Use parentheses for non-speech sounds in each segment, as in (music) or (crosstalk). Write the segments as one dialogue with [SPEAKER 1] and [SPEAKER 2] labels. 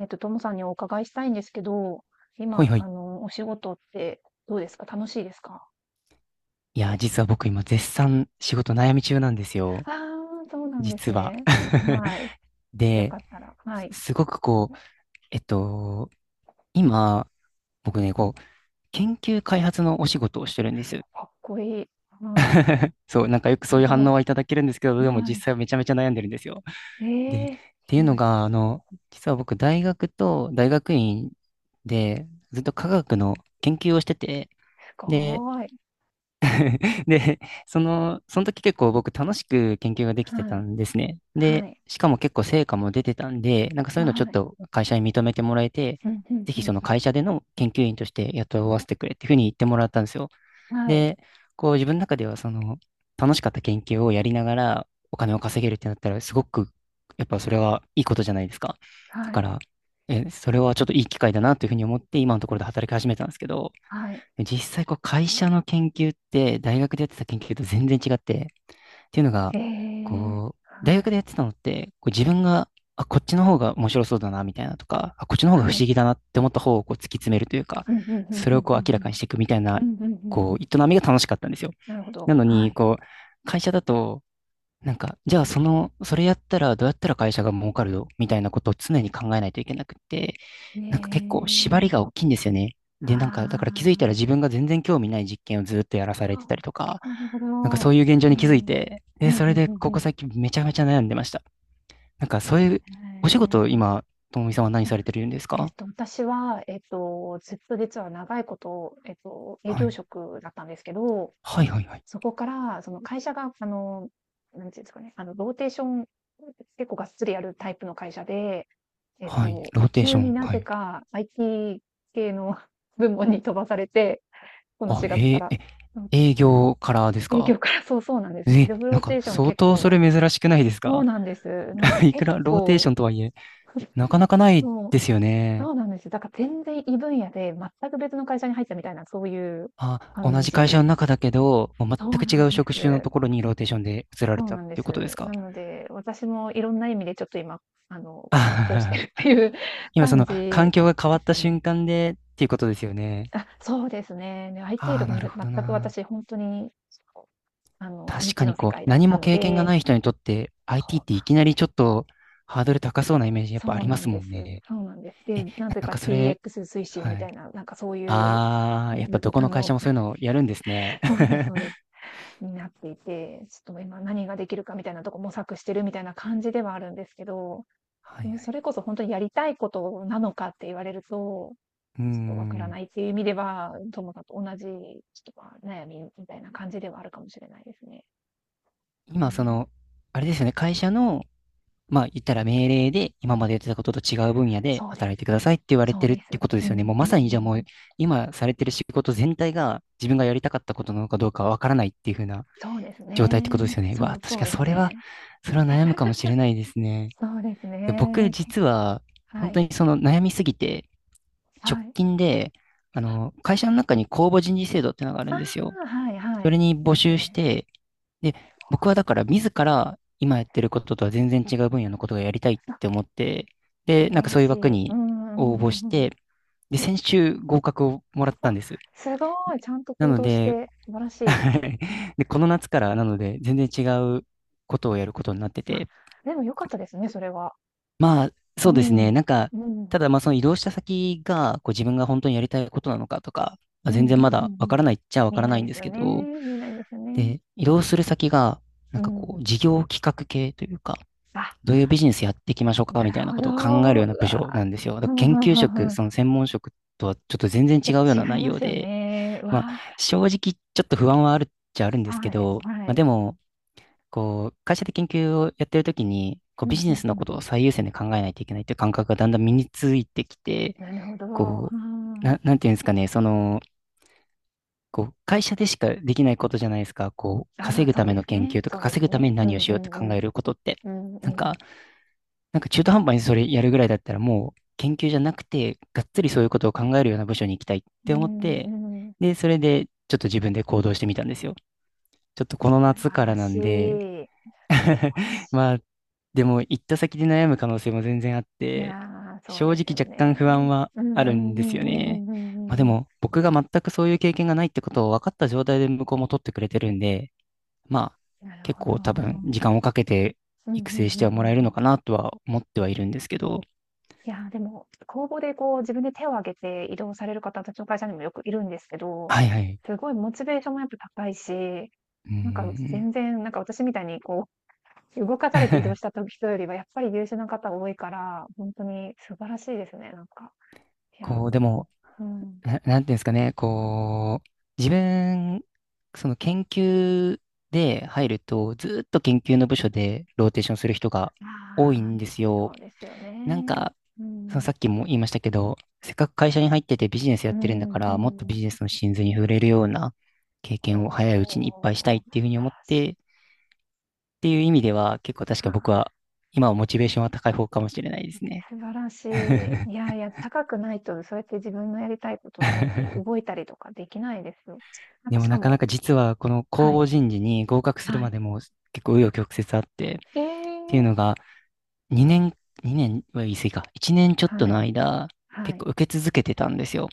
[SPEAKER 1] ともさんにお伺いしたいんですけど、
[SPEAKER 2] ほい
[SPEAKER 1] 今、
[SPEAKER 2] ほい。
[SPEAKER 1] お仕事ってどうですか？楽しいですか？
[SPEAKER 2] いや、実は僕今絶賛仕事悩み中なんですよ。
[SPEAKER 1] ああー、そうなんです
[SPEAKER 2] 実は。
[SPEAKER 1] ね。
[SPEAKER 2] (laughs)
[SPEAKER 1] はい。よ
[SPEAKER 2] で、
[SPEAKER 1] かったら。はい。
[SPEAKER 2] すごくこう、えっと、今、僕ね、研究開発のお仕事をしてるんです。
[SPEAKER 1] かっこいい。はい。
[SPEAKER 2] (laughs) そう、なんかよくそ
[SPEAKER 1] す
[SPEAKER 2] ういう反
[SPEAKER 1] ご
[SPEAKER 2] 応
[SPEAKER 1] い。
[SPEAKER 2] はいただけるんですけど、でも
[SPEAKER 1] は
[SPEAKER 2] 実
[SPEAKER 1] い。
[SPEAKER 2] 際はめちゃめちゃ悩んでるんですよ。で、っ
[SPEAKER 1] ええ、
[SPEAKER 2] ていう
[SPEAKER 1] は
[SPEAKER 2] の
[SPEAKER 1] い。
[SPEAKER 2] が、実は僕大学と大学院でずっと科学の研究をしてて、
[SPEAKER 1] す
[SPEAKER 2] で、
[SPEAKER 1] ごーい。
[SPEAKER 2] で、その時結構僕楽しく研究ができて
[SPEAKER 1] は
[SPEAKER 2] た
[SPEAKER 1] い。
[SPEAKER 2] んですね。
[SPEAKER 1] は
[SPEAKER 2] で、
[SPEAKER 1] い。
[SPEAKER 2] しかも結構成果も出てたんで、なんかそういうのちょっ
[SPEAKER 1] はい。
[SPEAKER 2] と会社に認めてもらえて、
[SPEAKER 1] うん、うん、
[SPEAKER 2] ぜひそ
[SPEAKER 1] う
[SPEAKER 2] の会社での研究員として雇わせてくれっていうふうに言ってもらったんですよ。
[SPEAKER 1] ん。はい。
[SPEAKER 2] で、こう自分の中ではその楽しかった研究をやりながらお金を稼げるってなったらすごくやっぱそれはいいことじゃないですか。だ
[SPEAKER 1] は
[SPEAKER 2] か
[SPEAKER 1] い。
[SPEAKER 2] ら、え、それはちょっといい機会だなというふうに思って今のところで働き始めたんですけど、
[SPEAKER 1] はい。
[SPEAKER 2] 実際こう会社の研究って大学でやってた研究と全然違って、っていうのが、
[SPEAKER 1] ええ、
[SPEAKER 2] こう、大
[SPEAKER 1] は
[SPEAKER 2] 学
[SPEAKER 1] い。
[SPEAKER 2] でやってたのって、こう自分が、あ、こっちの方が面白そうだな、みたいなとか、あ、こっちの方が不
[SPEAKER 1] はい。
[SPEAKER 2] 思議だなって思った方をこう突き詰めるというか、
[SPEAKER 1] うん、うん、うん、うん、う
[SPEAKER 2] それをこう明ら
[SPEAKER 1] ん。
[SPEAKER 2] かにしていくみたいな、
[SPEAKER 1] うん、うん、うん。う
[SPEAKER 2] こ
[SPEAKER 1] ん、
[SPEAKER 2] う、営みが楽しかったんですよ。
[SPEAKER 1] なるほ
[SPEAKER 2] な
[SPEAKER 1] ど。
[SPEAKER 2] の
[SPEAKER 1] は
[SPEAKER 2] に、
[SPEAKER 1] い。
[SPEAKER 2] こう、会社だと、なんか、じゃあその、それやったらどうやったら会社が儲かるのみたいなことを常に考えないといけなくって、
[SPEAKER 1] え
[SPEAKER 2] なんか結構縛りが
[SPEAKER 1] え、
[SPEAKER 2] 大きいんですよね。で、なんか、だから
[SPEAKER 1] あ
[SPEAKER 2] 気づいたら自分が全然興味ない実験をずっとやらさ
[SPEAKER 1] あ、
[SPEAKER 2] れて
[SPEAKER 1] あ、
[SPEAKER 2] たりとか、
[SPEAKER 1] なるほど。
[SPEAKER 2] なんかそういう現状
[SPEAKER 1] う
[SPEAKER 2] に気づい
[SPEAKER 1] ん。うん
[SPEAKER 2] て、
[SPEAKER 1] う
[SPEAKER 2] で、
[SPEAKER 1] ん
[SPEAKER 2] それで
[SPEAKER 1] うん
[SPEAKER 2] こ
[SPEAKER 1] う
[SPEAKER 2] こ
[SPEAKER 1] ん。
[SPEAKER 2] 最近めちゃめちゃ悩んでました。なんかそういう、
[SPEAKER 1] へ
[SPEAKER 2] お仕事、
[SPEAKER 1] え。
[SPEAKER 2] 今、ともみさんは何
[SPEAKER 1] あ、
[SPEAKER 2] されてるんですか？
[SPEAKER 1] 私は、ずっと実は長いこと、営
[SPEAKER 2] は
[SPEAKER 1] 業
[SPEAKER 2] い。
[SPEAKER 1] 職だったんですけど、
[SPEAKER 2] はいはいはい。
[SPEAKER 1] そこから、その会社が、なんていうんですかね、ローテーション、結構がっつりやるタイプの会社で、
[SPEAKER 2] はい。ローテーシ
[SPEAKER 1] 急
[SPEAKER 2] ョ
[SPEAKER 1] に
[SPEAKER 2] ン。
[SPEAKER 1] な
[SPEAKER 2] は
[SPEAKER 1] ぜ
[SPEAKER 2] い。
[SPEAKER 1] か IT 系の (laughs) 部門に飛ばされて、この
[SPEAKER 2] あ、
[SPEAKER 1] 4月
[SPEAKER 2] へ
[SPEAKER 1] か
[SPEAKER 2] え、
[SPEAKER 1] ら。
[SPEAKER 2] え、営業からです
[SPEAKER 1] 営
[SPEAKER 2] か？
[SPEAKER 1] 業から、そうそうなんです。
[SPEAKER 2] え、
[SPEAKER 1] ジョブロ
[SPEAKER 2] な
[SPEAKER 1] ー
[SPEAKER 2] ん
[SPEAKER 1] テ
[SPEAKER 2] か
[SPEAKER 1] ーション
[SPEAKER 2] 相
[SPEAKER 1] 結
[SPEAKER 2] 当そ
[SPEAKER 1] 構、
[SPEAKER 2] れ珍しくないです
[SPEAKER 1] そ
[SPEAKER 2] か？
[SPEAKER 1] うなんです。なん
[SPEAKER 2] (laughs)
[SPEAKER 1] か
[SPEAKER 2] いく
[SPEAKER 1] 結
[SPEAKER 2] らローテー
[SPEAKER 1] 構、
[SPEAKER 2] ションとはいえ、
[SPEAKER 1] (laughs)
[SPEAKER 2] なかなかない
[SPEAKER 1] そう、
[SPEAKER 2] ですよ
[SPEAKER 1] そ
[SPEAKER 2] ね。
[SPEAKER 1] うなんですよ。だから全然異分野で、全く別の会社に入ったみたいな、そういう
[SPEAKER 2] あ、同
[SPEAKER 1] 感
[SPEAKER 2] じ会社
[SPEAKER 1] じ。
[SPEAKER 2] の中だけど、もう
[SPEAKER 1] そ
[SPEAKER 2] 全
[SPEAKER 1] う
[SPEAKER 2] く
[SPEAKER 1] な
[SPEAKER 2] 違
[SPEAKER 1] ん
[SPEAKER 2] う
[SPEAKER 1] で
[SPEAKER 2] 職種のと
[SPEAKER 1] す。
[SPEAKER 2] ころにローテーションで移ら
[SPEAKER 1] そ
[SPEAKER 2] れ
[SPEAKER 1] う
[SPEAKER 2] たっ
[SPEAKER 1] なんで
[SPEAKER 2] ていうことで
[SPEAKER 1] す。
[SPEAKER 2] すか？
[SPEAKER 1] なので、私もいろんな意味でちょっと今、あの、葛藤してる
[SPEAKER 2] あ。
[SPEAKER 1] っていう
[SPEAKER 2] (laughs)
[SPEAKER 1] (laughs)
[SPEAKER 2] 今そ
[SPEAKER 1] 感
[SPEAKER 2] の
[SPEAKER 1] じ
[SPEAKER 2] 環境が変わ
[SPEAKER 1] で
[SPEAKER 2] っ
[SPEAKER 1] す
[SPEAKER 2] た瞬
[SPEAKER 1] ね。
[SPEAKER 2] 間でっていうことですよね。
[SPEAKER 1] あ、そうですね。で、IT
[SPEAKER 2] あ
[SPEAKER 1] と
[SPEAKER 2] あ、
[SPEAKER 1] か
[SPEAKER 2] な
[SPEAKER 1] も
[SPEAKER 2] るほ
[SPEAKER 1] 全
[SPEAKER 2] ど
[SPEAKER 1] く
[SPEAKER 2] な。
[SPEAKER 1] 私、本当に、未
[SPEAKER 2] 確か
[SPEAKER 1] 知
[SPEAKER 2] に
[SPEAKER 1] の世
[SPEAKER 2] こう、
[SPEAKER 1] 界だっ
[SPEAKER 2] 何
[SPEAKER 1] た
[SPEAKER 2] も
[SPEAKER 1] の
[SPEAKER 2] 経験が
[SPEAKER 1] で、
[SPEAKER 2] ない人にとって IT っていきなりちょっとハードル高そうなイメージやっぱあ
[SPEAKER 1] そう
[SPEAKER 2] りま
[SPEAKER 1] なん
[SPEAKER 2] すも
[SPEAKER 1] で
[SPEAKER 2] ん
[SPEAKER 1] す。
[SPEAKER 2] ね。
[SPEAKER 1] そうなんです。で、
[SPEAKER 2] え、
[SPEAKER 1] なぜ
[SPEAKER 2] なん
[SPEAKER 1] か
[SPEAKER 2] かそれ、
[SPEAKER 1] DX 推進み
[SPEAKER 2] はい。
[SPEAKER 1] たいな、なんかそういう、うん、
[SPEAKER 2] ああ、やっぱど
[SPEAKER 1] (laughs)
[SPEAKER 2] こ
[SPEAKER 1] あ
[SPEAKER 2] の会
[SPEAKER 1] の、
[SPEAKER 2] 社もそういうのをやるんですね。
[SPEAKER 1] (laughs) そうです、そうです。
[SPEAKER 2] (laughs)
[SPEAKER 1] になっていて、ちょっと今何ができるかみたいなとこ模索してるみたいな感じではあるんですけど、
[SPEAKER 2] は
[SPEAKER 1] う
[SPEAKER 2] いは
[SPEAKER 1] ん、そ
[SPEAKER 2] い。
[SPEAKER 1] れこそ本当にやりたいことなのかって言われると、ちょっ
[SPEAKER 2] うー
[SPEAKER 1] とわから
[SPEAKER 2] ん。
[SPEAKER 1] ないっていう意味では、ともさんと同じ、ちょっと、ま、悩みみたいな感じではあるかもしれないですね。う
[SPEAKER 2] 今そ
[SPEAKER 1] ん。
[SPEAKER 2] の、あれですよね、会社のまあ言ったら命令で今までやってたことと違う分野で
[SPEAKER 1] そうです。
[SPEAKER 2] 働いてくださいって言われ
[SPEAKER 1] そ
[SPEAKER 2] て
[SPEAKER 1] う
[SPEAKER 2] るっ
[SPEAKER 1] で
[SPEAKER 2] て
[SPEAKER 1] す。
[SPEAKER 2] ことで
[SPEAKER 1] うん、
[SPEAKER 2] す
[SPEAKER 1] う
[SPEAKER 2] よね。
[SPEAKER 1] ん
[SPEAKER 2] もうま
[SPEAKER 1] うんう
[SPEAKER 2] さにじゃあ
[SPEAKER 1] ん。
[SPEAKER 2] もう今されてる仕事全体が自分がやりたかったことなのかどうかわからないっていう風な
[SPEAKER 1] そうです
[SPEAKER 2] 状態ってことで
[SPEAKER 1] ね。
[SPEAKER 2] すよね。う
[SPEAKER 1] そ
[SPEAKER 2] わ、
[SPEAKER 1] う、
[SPEAKER 2] 確
[SPEAKER 1] そう
[SPEAKER 2] かに
[SPEAKER 1] で
[SPEAKER 2] そ
[SPEAKER 1] す
[SPEAKER 2] れは、
[SPEAKER 1] ね。
[SPEAKER 2] それは悩むかもしれないですね。
[SPEAKER 1] そうです
[SPEAKER 2] で僕
[SPEAKER 1] ね。
[SPEAKER 2] 実は
[SPEAKER 1] は
[SPEAKER 2] 本当
[SPEAKER 1] い。
[SPEAKER 2] にその悩みすぎて直
[SPEAKER 1] はい。
[SPEAKER 2] 近であの会社の中に公募人事制度ってのがある
[SPEAKER 1] あ
[SPEAKER 2] んですよ。
[SPEAKER 1] あ、はいは
[SPEAKER 2] そ
[SPEAKER 1] い。
[SPEAKER 2] れに
[SPEAKER 1] い
[SPEAKER 2] 募
[SPEAKER 1] ます
[SPEAKER 2] 集し
[SPEAKER 1] ね。
[SPEAKER 2] てで、僕はだから自ら今やってることとは全然違う分野のことがやりたいっ
[SPEAKER 1] あ、
[SPEAKER 2] て思って、
[SPEAKER 1] 素
[SPEAKER 2] で、な
[SPEAKER 1] 晴
[SPEAKER 2] んか
[SPEAKER 1] ら
[SPEAKER 2] そういう
[SPEAKER 1] し
[SPEAKER 2] 枠
[SPEAKER 1] い。うんう
[SPEAKER 2] に
[SPEAKER 1] んうん
[SPEAKER 2] 応募し
[SPEAKER 1] うん
[SPEAKER 2] て、で、
[SPEAKER 1] うん。
[SPEAKER 2] 先週合格をもらっ
[SPEAKER 1] お、
[SPEAKER 2] たん
[SPEAKER 1] あ、
[SPEAKER 2] です。
[SPEAKER 1] すごい。ちゃんと
[SPEAKER 2] な
[SPEAKER 1] 行
[SPEAKER 2] の
[SPEAKER 1] 動し
[SPEAKER 2] で、
[SPEAKER 1] て、素晴らしい。
[SPEAKER 2] (laughs) で、この夏からなので全然違うことをやることになって
[SPEAKER 1] あ、
[SPEAKER 2] て、
[SPEAKER 1] でも良かったですね、それは。
[SPEAKER 2] まあ、
[SPEAKER 1] う
[SPEAKER 2] そうです
[SPEAKER 1] ん。う
[SPEAKER 2] ね、
[SPEAKER 1] ん。
[SPEAKER 2] なんか、
[SPEAKER 1] う
[SPEAKER 2] た
[SPEAKER 1] ん
[SPEAKER 2] だまあその移動した先がこう自分が本当にやりたいことなのかとか、まあ、
[SPEAKER 1] うん
[SPEAKER 2] 全
[SPEAKER 1] うん
[SPEAKER 2] 然
[SPEAKER 1] う
[SPEAKER 2] まだわから
[SPEAKER 1] ん。
[SPEAKER 2] ないっちゃわか
[SPEAKER 1] 見え
[SPEAKER 2] ら
[SPEAKER 1] な
[SPEAKER 2] な
[SPEAKER 1] い
[SPEAKER 2] いん
[SPEAKER 1] で
[SPEAKER 2] で
[SPEAKER 1] す
[SPEAKER 2] す
[SPEAKER 1] よ
[SPEAKER 2] け
[SPEAKER 1] ね。
[SPEAKER 2] ど、
[SPEAKER 1] 見えないですよね。
[SPEAKER 2] で、移動する先がな
[SPEAKER 1] う
[SPEAKER 2] んかこ
[SPEAKER 1] ん。
[SPEAKER 2] う事業企画系というか、
[SPEAKER 1] あ、
[SPEAKER 2] どういうビジネスやっていきましょうか
[SPEAKER 1] な
[SPEAKER 2] みたい
[SPEAKER 1] る
[SPEAKER 2] な
[SPEAKER 1] ほ
[SPEAKER 2] ことを考え
[SPEAKER 1] ど。
[SPEAKER 2] るような
[SPEAKER 1] う
[SPEAKER 2] 部
[SPEAKER 1] わ、
[SPEAKER 2] 署なんですよ。
[SPEAKER 1] (laughs)
[SPEAKER 2] だか
[SPEAKER 1] ふ
[SPEAKER 2] ら
[SPEAKER 1] んふ
[SPEAKER 2] 研
[SPEAKER 1] ん
[SPEAKER 2] 究
[SPEAKER 1] ふんふ
[SPEAKER 2] 職、
[SPEAKER 1] ん。
[SPEAKER 2] その専門職とはちょっと全然
[SPEAKER 1] ちょ
[SPEAKER 2] 違
[SPEAKER 1] っ
[SPEAKER 2] うような
[SPEAKER 1] と違い
[SPEAKER 2] 内
[SPEAKER 1] ま
[SPEAKER 2] 容
[SPEAKER 1] すよ
[SPEAKER 2] で、
[SPEAKER 1] ね。う
[SPEAKER 2] まあ、
[SPEAKER 1] わ、
[SPEAKER 2] 正直ちょっと不安はあるっちゃあるんですけ
[SPEAKER 1] はい、
[SPEAKER 2] ど、
[SPEAKER 1] は
[SPEAKER 2] まあ、
[SPEAKER 1] い。
[SPEAKER 2] でも、こう、会社で研究をやってるときに、こ
[SPEAKER 1] う
[SPEAKER 2] う、
[SPEAKER 1] ん、
[SPEAKER 2] ビジ
[SPEAKER 1] う
[SPEAKER 2] ネ
[SPEAKER 1] ん
[SPEAKER 2] スの
[SPEAKER 1] うん
[SPEAKER 2] こと
[SPEAKER 1] う
[SPEAKER 2] を
[SPEAKER 1] ん。
[SPEAKER 2] 最優先で考えないといけないっていう感覚がだんだん身についてきて、
[SPEAKER 1] なるほど。う
[SPEAKER 2] こう、
[SPEAKER 1] ん。
[SPEAKER 2] な、なんていうんですかね、その、こう、会社でしかできないことじゃないですか。こう、
[SPEAKER 1] あ
[SPEAKER 2] 稼
[SPEAKER 1] あ、
[SPEAKER 2] ぐ
[SPEAKER 1] そ
[SPEAKER 2] た
[SPEAKER 1] う
[SPEAKER 2] め
[SPEAKER 1] で
[SPEAKER 2] の
[SPEAKER 1] す
[SPEAKER 2] 研
[SPEAKER 1] ね。
[SPEAKER 2] 究とか、
[SPEAKER 1] そうで
[SPEAKER 2] 稼
[SPEAKER 1] す
[SPEAKER 2] ぐた
[SPEAKER 1] ね。
[SPEAKER 2] めに
[SPEAKER 1] う
[SPEAKER 2] 何を
[SPEAKER 1] ん
[SPEAKER 2] し
[SPEAKER 1] う
[SPEAKER 2] ようって
[SPEAKER 1] ん
[SPEAKER 2] 考
[SPEAKER 1] うん。
[SPEAKER 2] えることって。
[SPEAKER 1] うんう
[SPEAKER 2] なん
[SPEAKER 1] ん。
[SPEAKER 2] か、なんか中途半端にそれやるぐらいだったらもう研究じゃなくて、がっつりそういうことを考えるような部署に行きたいっ
[SPEAKER 1] う
[SPEAKER 2] て思って、
[SPEAKER 1] んうん。
[SPEAKER 2] で、それでちょっと自分で行動してみたんですよ。ちょっとこ
[SPEAKER 1] 素
[SPEAKER 2] の夏
[SPEAKER 1] 晴
[SPEAKER 2] から
[SPEAKER 1] ら
[SPEAKER 2] な
[SPEAKER 1] しい。
[SPEAKER 2] ん
[SPEAKER 1] 素
[SPEAKER 2] で。
[SPEAKER 1] 晴ら
[SPEAKER 2] (laughs) ま
[SPEAKER 1] し
[SPEAKER 2] あ、でも行った先で悩む可能性も全然あっ
[SPEAKER 1] い。い
[SPEAKER 2] て、
[SPEAKER 1] やー、そう
[SPEAKER 2] 正
[SPEAKER 1] です
[SPEAKER 2] 直
[SPEAKER 1] よ
[SPEAKER 2] 若干不安
[SPEAKER 1] ね。
[SPEAKER 2] は
[SPEAKER 1] うん
[SPEAKER 2] あ
[SPEAKER 1] う
[SPEAKER 2] る
[SPEAKER 1] ん
[SPEAKER 2] んで
[SPEAKER 1] う
[SPEAKER 2] すよね。
[SPEAKER 1] んうんうんう
[SPEAKER 2] まあ
[SPEAKER 1] んう
[SPEAKER 2] で
[SPEAKER 1] んうん。
[SPEAKER 2] も僕が全くそういう経験がないってことを分かった状態で向こうも取ってくれてるんで、まあ
[SPEAKER 1] なる
[SPEAKER 2] 結
[SPEAKER 1] ほど。う
[SPEAKER 2] 構多分時
[SPEAKER 1] ん
[SPEAKER 2] 間をかけて
[SPEAKER 1] うんうん
[SPEAKER 2] 育
[SPEAKER 1] うん
[SPEAKER 2] 成してはもらえる
[SPEAKER 1] うん。
[SPEAKER 2] のかなとは思ってはいるんですけど、
[SPEAKER 1] いやー、でも、公募でこう自分で手を挙げて移動される方、私の会社にもよくいるんですけど、
[SPEAKER 2] はいはい。
[SPEAKER 1] すごいモチベーションもやっぱ高いし、
[SPEAKER 2] う
[SPEAKER 1] なんか
[SPEAKER 2] ん。
[SPEAKER 1] 全然、なんか私みたいにこう動かされて移動した
[SPEAKER 2] (laughs)
[SPEAKER 1] と人よりはやっぱり優秀な方多いから、ほんとに素晴らしいですね、なんか。いや、
[SPEAKER 2] こう、でも、
[SPEAKER 1] うん。
[SPEAKER 2] な、なんていうんですかね、こう、自分、その研究で入ると、ずーっと研究の部署でローテーションする人が多い
[SPEAKER 1] あ
[SPEAKER 2] ん
[SPEAKER 1] あ、
[SPEAKER 2] ですよ。
[SPEAKER 1] そうですよ
[SPEAKER 2] なん
[SPEAKER 1] ね。
[SPEAKER 2] か、
[SPEAKER 1] う
[SPEAKER 2] その
[SPEAKER 1] ん。
[SPEAKER 2] さっきも言いましたけど、せっかく会社に入っててビジネスや
[SPEAKER 1] う
[SPEAKER 2] ってるんだ
[SPEAKER 1] ん
[SPEAKER 2] か
[SPEAKER 1] う
[SPEAKER 2] ら、もっとビ
[SPEAKER 1] ん。
[SPEAKER 2] ジネスの真髄に触れるような経
[SPEAKER 1] お
[SPEAKER 2] 験を早いう
[SPEAKER 1] ー、
[SPEAKER 2] ち
[SPEAKER 1] 素
[SPEAKER 2] にいっぱいしたいっていうふうに
[SPEAKER 1] 晴
[SPEAKER 2] 思っ
[SPEAKER 1] らしい。
[SPEAKER 2] て、っていう意味では、結構確
[SPEAKER 1] は
[SPEAKER 2] か僕
[SPEAKER 1] い。
[SPEAKER 2] は、今はモチベーションは高い方かもしれないですね。
[SPEAKER 1] 素晴らしい。
[SPEAKER 2] (laughs)
[SPEAKER 1] いやいや、高くないとそうやって自分のやりたいことの方に動いたりとかできないですよ。なん
[SPEAKER 2] で
[SPEAKER 1] か
[SPEAKER 2] も
[SPEAKER 1] しか
[SPEAKER 2] なかな
[SPEAKER 1] も、
[SPEAKER 2] か実はこの
[SPEAKER 1] は
[SPEAKER 2] 公
[SPEAKER 1] い、
[SPEAKER 2] 募人事に合格する
[SPEAKER 1] は
[SPEAKER 2] ま
[SPEAKER 1] い。
[SPEAKER 2] でも結構紆余曲折あって、っ
[SPEAKER 1] え
[SPEAKER 2] ていう
[SPEAKER 1] え。
[SPEAKER 2] のが2年、2年は言い過ぎか、1年ちょっと
[SPEAKER 1] は
[SPEAKER 2] の
[SPEAKER 1] い、
[SPEAKER 2] 間、
[SPEAKER 1] は
[SPEAKER 2] 結
[SPEAKER 1] い。
[SPEAKER 2] 構受け続けてたんですよ。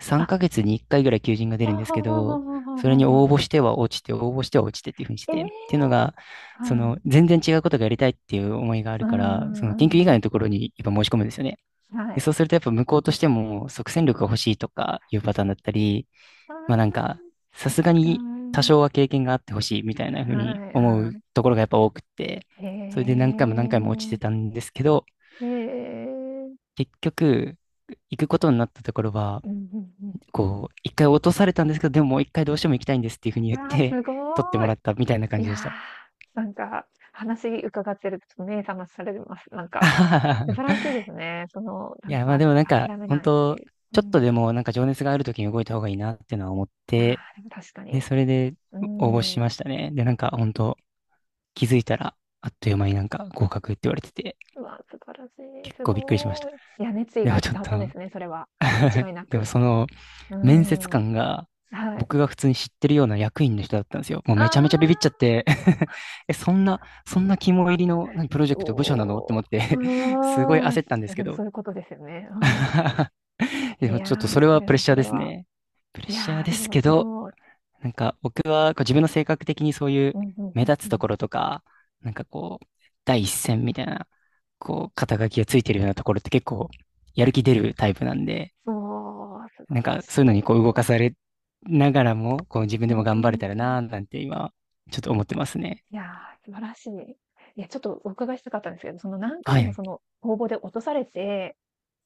[SPEAKER 2] 3
[SPEAKER 1] あ、
[SPEAKER 2] ヶ月に1回ぐらい求人が出
[SPEAKER 1] あ
[SPEAKER 2] る
[SPEAKER 1] は
[SPEAKER 2] んです
[SPEAKER 1] あ
[SPEAKER 2] け
[SPEAKER 1] はあはあ
[SPEAKER 2] ど、
[SPEAKER 1] はあ
[SPEAKER 2] それ
[SPEAKER 1] は
[SPEAKER 2] に
[SPEAKER 1] あは
[SPEAKER 2] 応募
[SPEAKER 1] あ。
[SPEAKER 2] しては落ちて、応募しては落ちてっていうふうにし
[SPEAKER 1] え
[SPEAKER 2] て
[SPEAKER 1] え！
[SPEAKER 2] て、っていうのが、そ
[SPEAKER 1] はい。
[SPEAKER 2] の全然違うことがやりたいっていう思いがあ
[SPEAKER 1] う
[SPEAKER 2] るから、
[SPEAKER 1] ん
[SPEAKER 2] そ
[SPEAKER 1] う
[SPEAKER 2] の研究以
[SPEAKER 1] んう
[SPEAKER 2] 外
[SPEAKER 1] ん。
[SPEAKER 2] のところにやっぱ申し込むんですよね。
[SPEAKER 1] は
[SPEAKER 2] で
[SPEAKER 1] い。
[SPEAKER 2] そうするとやっぱ向こうとしても即戦力が欲しいとかいうパターンだったり、
[SPEAKER 1] あ
[SPEAKER 2] まあなん
[SPEAKER 1] あ、
[SPEAKER 2] か、さ
[SPEAKER 1] そっ
[SPEAKER 2] すが
[SPEAKER 1] か。
[SPEAKER 2] に多少は経験があってほしいみたいなふ
[SPEAKER 1] は
[SPEAKER 2] うに
[SPEAKER 1] い
[SPEAKER 2] 思
[SPEAKER 1] は
[SPEAKER 2] うところがやっぱ多くて、
[SPEAKER 1] い。へ
[SPEAKER 2] それで何回も何回も落ちて
[SPEAKER 1] え。
[SPEAKER 2] たんですけど、
[SPEAKER 1] へえ。
[SPEAKER 2] 結局、行くことになったところは、
[SPEAKER 1] うんうん
[SPEAKER 2] こう、一回落とされたんですけど、でももう一回どうしても行きたいんですっていうふうに言
[SPEAKER 1] うん。
[SPEAKER 2] っ
[SPEAKER 1] わあ、
[SPEAKER 2] て、
[SPEAKER 1] す
[SPEAKER 2] 取って
[SPEAKER 1] ご
[SPEAKER 2] も
[SPEAKER 1] い。
[SPEAKER 2] らったみたいな
[SPEAKER 1] い
[SPEAKER 2] 感じでし
[SPEAKER 1] や、
[SPEAKER 2] た。
[SPEAKER 1] なんか、話伺ってると目覚まされます。なんか、素晴らし
[SPEAKER 2] (laughs)
[SPEAKER 1] いですね。その、
[SPEAKER 2] い
[SPEAKER 1] なん
[SPEAKER 2] や、まあ
[SPEAKER 1] か、
[SPEAKER 2] でもなん
[SPEAKER 1] あ、
[SPEAKER 2] か、
[SPEAKER 1] 諦め
[SPEAKER 2] 本
[SPEAKER 1] ないって
[SPEAKER 2] 当
[SPEAKER 1] いう。う
[SPEAKER 2] ちょっと
[SPEAKER 1] ん。
[SPEAKER 2] でもなんか情熱がある時に動いた方がいいなっていうのは思っ
[SPEAKER 1] いや、
[SPEAKER 2] て、
[SPEAKER 1] でも確か
[SPEAKER 2] で、
[SPEAKER 1] に。
[SPEAKER 2] それで
[SPEAKER 1] う
[SPEAKER 2] 応募し
[SPEAKER 1] ーん。
[SPEAKER 2] ましたね。で、なんか本当気づいたら、あっという間になんか合格って言われてて、
[SPEAKER 1] うわ、素晴らしい、
[SPEAKER 2] 結
[SPEAKER 1] す
[SPEAKER 2] 構びっくりしまし
[SPEAKER 1] ご
[SPEAKER 2] た。
[SPEAKER 1] い。いや、熱意
[SPEAKER 2] でも
[SPEAKER 1] が
[SPEAKER 2] ちょっ
[SPEAKER 1] 伝わっ
[SPEAKER 2] と
[SPEAKER 1] たんですね、それは。間違
[SPEAKER 2] (laughs)
[SPEAKER 1] いな
[SPEAKER 2] でも
[SPEAKER 1] く。
[SPEAKER 2] その
[SPEAKER 1] うー
[SPEAKER 2] 面接
[SPEAKER 1] ん。
[SPEAKER 2] 官が
[SPEAKER 1] はい。
[SPEAKER 2] 僕が普通に知ってるような役員の人だったんですよ。もう
[SPEAKER 1] あ
[SPEAKER 2] めちゃめちゃビビっちゃっ
[SPEAKER 1] あ、
[SPEAKER 2] て (laughs) え、そんな、そんな肝入りの何プロジェ
[SPEAKER 1] お
[SPEAKER 2] クト部署なのって思っ
[SPEAKER 1] お、
[SPEAKER 2] て (laughs) すごい
[SPEAKER 1] うーん。い
[SPEAKER 2] 焦ったんで
[SPEAKER 1] や、
[SPEAKER 2] すけ
[SPEAKER 1] でも
[SPEAKER 2] ど
[SPEAKER 1] そういうことですよね。うん。
[SPEAKER 2] (laughs)
[SPEAKER 1] い
[SPEAKER 2] でも
[SPEAKER 1] や
[SPEAKER 2] ちょっとそ
[SPEAKER 1] ー、
[SPEAKER 2] れ
[SPEAKER 1] そ
[SPEAKER 2] は
[SPEAKER 1] れ
[SPEAKER 2] プレッ
[SPEAKER 1] は
[SPEAKER 2] シャ
[SPEAKER 1] そ
[SPEAKER 2] ーで
[SPEAKER 1] れ
[SPEAKER 2] す
[SPEAKER 1] は。
[SPEAKER 2] ね。プレッ
[SPEAKER 1] い
[SPEAKER 2] シャー
[SPEAKER 1] やー、
[SPEAKER 2] で
[SPEAKER 1] で
[SPEAKER 2] す
[SPEAKER 1] も
[SPEAKER 2] け
[SPEAKER 1] す
[SPEAKER 2] ど、
[SPEAKER 1] ごい。
[SPEAKER 2] なんか僕はこう自分の性格的にそういう
[SPEAKER 1] うんうんう
[SPEAKER 2] 目
[SPEAKER 1] ん
[SPEAKER 2] 立
[SPEAKER 1] う
[SPEAKER 2] つと
[SPEAKER 1] ん。
[SPEAKER 2] ころとか、なんかこう、第一線みたいな、こう、肩書きがついてるようなところって結構やる気出るタイプなんで、
[SPEAKER 1] そう、素
[SPEAKER 2] な
[SPEAKER 1] 晴
[SPEAKER 2] ん
[SPEAKER 1] ら
[SPEAKER 2] かそ
[SPEAKER 1] し
[SPEAKER 2] ういうのにこう
[SPEAKER 1] い。
[SPEAKER 2] 動かされながらも、こう自
[SPEAKER 1] う
[SPEAKER 2] 分でも
[SPEAKER 1] ー
[SPEAKER 2] 頑張れたら
[SPEAKER 1] ん。
[SPEAKER 2] なーなんて今、ちょっと思ってますね。
[SPEAKER 1] いやー、素晴らしい。いや、ちょっとお伺いしたかったんですけど、その何
[SPEAKER 2] は
[SPEAKER 1] 回もそ
[SPEAKER 2] い。
[SPEAKER 1] の応募で落とされて、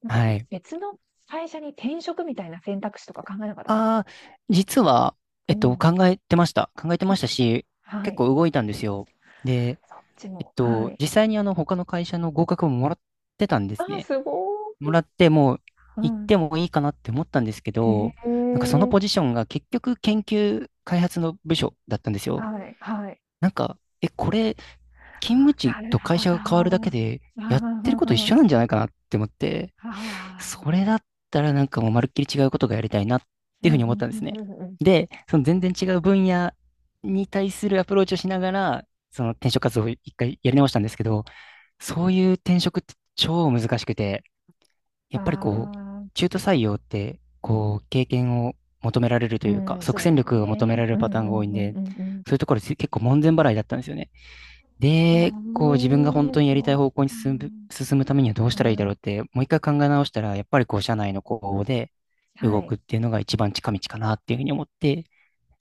[SPEAKER 1] なんか
[SPEAKER 2] はい。
[SPEAKER 1] 別の会社に転職みたいな選択肢とか考えなかったんですか？
[SPEAKER 2] ああ、実は、
[SPEAKER 1] うん。
[SPEAKER 2] 考えてました。考えてま
[SPEAKER 1] あ、
[SPEAKER 2] したし、
[SPEAKER 1] は
[SPEAKER 2] 結
[SPEAKER 1] い。
[SPEAKER 2] 構動いたんですよ。で、
[SPEAKER 1] そっちも、はい。
[SPEAKER 2] 実際に他の会社の合格ももらってたんで
[SPEAKER 1] あ
[SPEAKER 2] す
[SPEAKER 1] あ、
[SPEAKER 2] ね。
[SPEAKER 1] すごい。
[SPEAKER 2] もらって、もう
[SPEAKER 1] う
[SPEAKER 2] 行っ
[SPEAKER 1] ん。
[SPEAKER 2] てもいいかなって思ったんですけ
[SPEAKER 1] へ
[SPEAKER 2] ど、なんか
[SPEAKER 1] え、
[SPEAKER 2] そのポジションが結局研究開発の部署だったんですよ。
[SPEAKER 1] はいはい。
[SPEAKER 2] なんか、え、これ、勤務地
[SPEAKER 1] なる
[SPEAKER 2] と会
[SPEAKER 1] ほ
[SPEAKER 2] 社
[SPEAKER 1] ど。
[SPEAKER 2] が変わるだけで、やってるこ
[SPEAKER 1] あ
[SPEAKER 2] と一緒なんじゃないかなって思って、
[SPEAKER 1] あ、ああ、
[SPEAKER 2] それだったらなんかもうまるっきり違うことがやりたいなっ
[SPEAKER 1] う
[SPEAKER 2] ていう
[SPEAKER 1] ん
[SPEAKER 2] ふ
[SPEAKER 1] う
[SPEAKER 2] うに思った
[SPEAKER 1] ん
[SPEAKER 2] ん
[SPEAKER 1] う
[SPEAKER 2] です
[SPEAKER 1] ん
[SPEAKER 2] ね。
[SPEAKER 1] うんうんうん。
[SPEAKER 2] で、その全然違う分野に対するアプローチをしながら、その転職活動を一回やり直したんですけど、そういう転職って超難しくて、
[SPEAKER 1] あ
[SPEAKER 2] やっぱりこう、
[SPEAKER 1] あ、
[SPEAKER 2] 中途採用って、こう、経験を求められると
[SPEAKER 1] う
[SPEAKER 2] いうか、
[SPEAKER 1] ん、そ
[SPEAKER 2] 即
[SPEAKER 1] う
[SPEAKER 2] 戦
[SPEAKER 1] です
[SPEAKER 2] 力が求め
[SPEAKER 1] ね。
[SPEAKER 2] られる
[SPEAKER 1] う
[SPEAKER 2] パ
[SPEAKER 1] んう
[SPEAKER 2] ター
[SPEAKER 1] ん
[SPEAKER 2] ン
[SPEAKER 1] う
[SPEAKER 2] が多いん
[SPEAKER 1] ん
[SPEAKER 2] で、
[SPEAKER 1] うんうん。
[SPEAKER 2] そういうところ結構門前払いだったんですよね。で、
[SPEAKER 1] へ
[SPEAKER 2] こう、自分が本
[SPEAKER 1] え、
[SPEAKER 2] 当にやり
[SPEAKER 1] そ
[SPEAKER 2] たい
[SPEAKER 1] う
[SPEAKER 2] 方向に
[SPEAKER 1] か。
[SPEAKER 2] 進むためにはどうし
[SPEAKER 1] は
[SPEAKER 2] たらいいだろう
[SPEAKER 1] い。
[SPEAKER 2] って、もう一回考え直したら、やっぱりこう、社内の公募で
[SPEAKER 1] はい。
[SPEAKER 2] 動
[SPEAKER 1] へ
[SPEAKER 2] く
[SPEAKER 1] え、
[SPEAKER 2] っていうのが一番近道かなっていうふうに思って、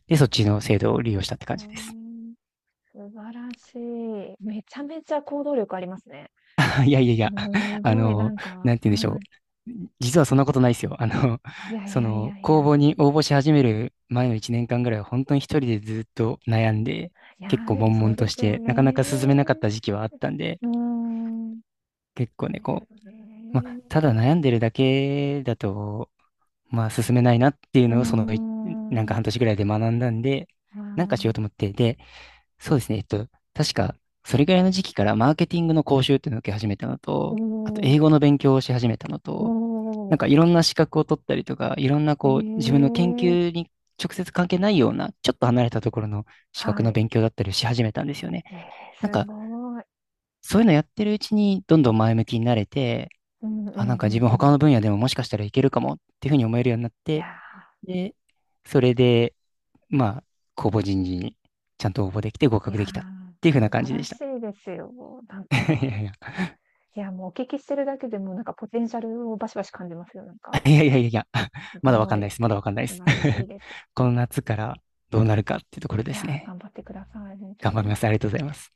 [SPEAKER 2] で、そっちの制度を利用したって感じです。
[SPEAKER 1] 素晴らしい。めちゃめちゃ行動力ありますね。
[SPEAKER 2] いやいやい
[SPEAKER 1] す
[SPEAKER 2] や、あ
[SPEAKER 1] ごいな
[SPEAKER 2] の、
[SPEAKER 1] んか、
[SPEAKER 2] な
[SPEAKER 1] は
[SPEAKER 2] んて言うんでしょう。実はそんなことないですよ。
[SPEAKER 1] い。いやいやいやい
[SPEAKER 2] 公
[SPEAKER 1] や。
[SPEAKER 2] 募に応募し始める前の1年間ぐらいは本当に一人でずっと悩んで、
[SPEAKER 1] いや
[SPEAKER 2] 結
[SPEAKER 1] ー、
[SPEAKER 2] 構
[SPEAKER 1] でも
[SPEAKER 2] 悶
[SPEAKER 1] そう
[SPEAKER 2] 々と
[SPEAKER 1] で
[SPEAKER 2] し
[SPEAKER 1] すよ
[SPEAKER 2] て、
[SPEAKER 1] ね。
[SPEAKER 2] なかなか進めなかった時期はあったんで、
[SPEAKER 1] うーん。
[SPEAKER 2] 結構
[SPEAKER 1] そ
[SPEAKER 2] ね、
[SPEAKER 1] い
[SPEAKER 2] こ
[SPEAKER 1] で
[SPEAKER 2] う、
[SPEAKER 1] す
[SPEAKER 2] まあ、
[SPEAKER 1] ね。
[SPEAKER 2] ただ悩んでるだけだと、まあ、進めないなっていう
[SPEAKER 1] うー
[SPEAKER 2] のを、なん
[SPEAKER 1] ん、
[SPEAKER 2] か
[SPEAKER 1] は
[SPEAKER 2] 半年ぐらいで学んだんで、
[SPEAKER 1] い。
[SPEAKER 2] なんかしようと思って、で、そうですね。確か、それぐらいの時期からマーケティングの講習っていうのを受け始めたの
[SPEAKER 1] お
[SPEAKER 2] と、あと英語
[SPEAKER 1] ー、
[SPEAKER 2] の勉強をし始めたのと、なん
[SPEAKER 1] お
[SPEAKER 2] かいろんな資格を取ったりとか、いろんな
[SPEAKER 1] ー、え
[SPEAKER 2] こう、自分の研
[SPEAKER 1] ー、
[SPEAKER 2] 究に直接関係ないような、ちょっと離れたところの資格
[SPEAKER 1] は
[SPEAKER 2] の
[SPEAKER 1] い。
[SPEAKER 2] 勉強だったりをし始めたんですよね。
[SPEAKER 1] えー、
[SPEAKER 2] なん
[SPEAKER 1] す
[SPEAKER 2] か、
[SPEAKER 1] ごい。
[SPEAKER 2] そういうのやってるうちに、どんどん前向きになれて、
[SPEAKER 1] うんうんう
[SPEAKER 2] あ、なんか自
[SPEAKER 1] ん
[SPEAKER 2] 分
[SPEAKER 1] う
[SPEAKER 2] 他
[SPEAKER 1] ん。
[SPEAKER 2] の分野でももしかしたらいけるかもっていうふうに思えるようになっ
[SPEAKER 1] い
[SPEAKER 2] て、
[SPEAKER 1] や
[SPEAKER 2] で、それで、まあ、公募人事にちゃんと応募できて合
[SPEAKER 1] ー、い
[SPEAKER 2] 格
[SPEAKER 1] や
[SPEAKER 2] できたっていうふう
[SPEAKER 1] ー、
[SPEAKER 2] な
[SPEAKER 1] 素
[SPEAKER 2] 感
[SPEAKER 1] 晴
[SPEAKER 2] じで
[SPEAKER 1] ら
[SPEAKER 2] した。
[SPEAKER 1] しいですよ。なん
[SPEAKER 2] (laughs) いやい
[SPEAKER 1] か、
[SPEAKER 2] や、いや
[SPEAKER 1] いや、もうお聞きしてるだけでも、なんかポテンシャルをバシバシ感じますよ。なんか、
[SPEAKER 2] (laughs) いやいやいや、(laughs)
[SPEAKER 1] す
[SPEAKER 2] まだわか
[SPEAKER 1] ご
[SPEAKER 2] ん
[SPEAKER 1] い、
[SPEAKER 2] ないです。まだわかんないで
[SPEAKER 1] 素
[SPEAKER 2] す。
[SPEAKER 1] 晴らしいです。
[SPEAKER 2] (laughs) この夏からどうなるかっていうところで
[SPEAKER 1] い
[SPEAKER 2] す
[SPEAKER 1] やー、
[SPEAKER 2] ね。
[SPEAKER 1] 頑張ってください、本当
[SPEAKER 2] 頑張り
[SPEAKER 1] に。
[SPEAKER 2] ます。ありがとうございます。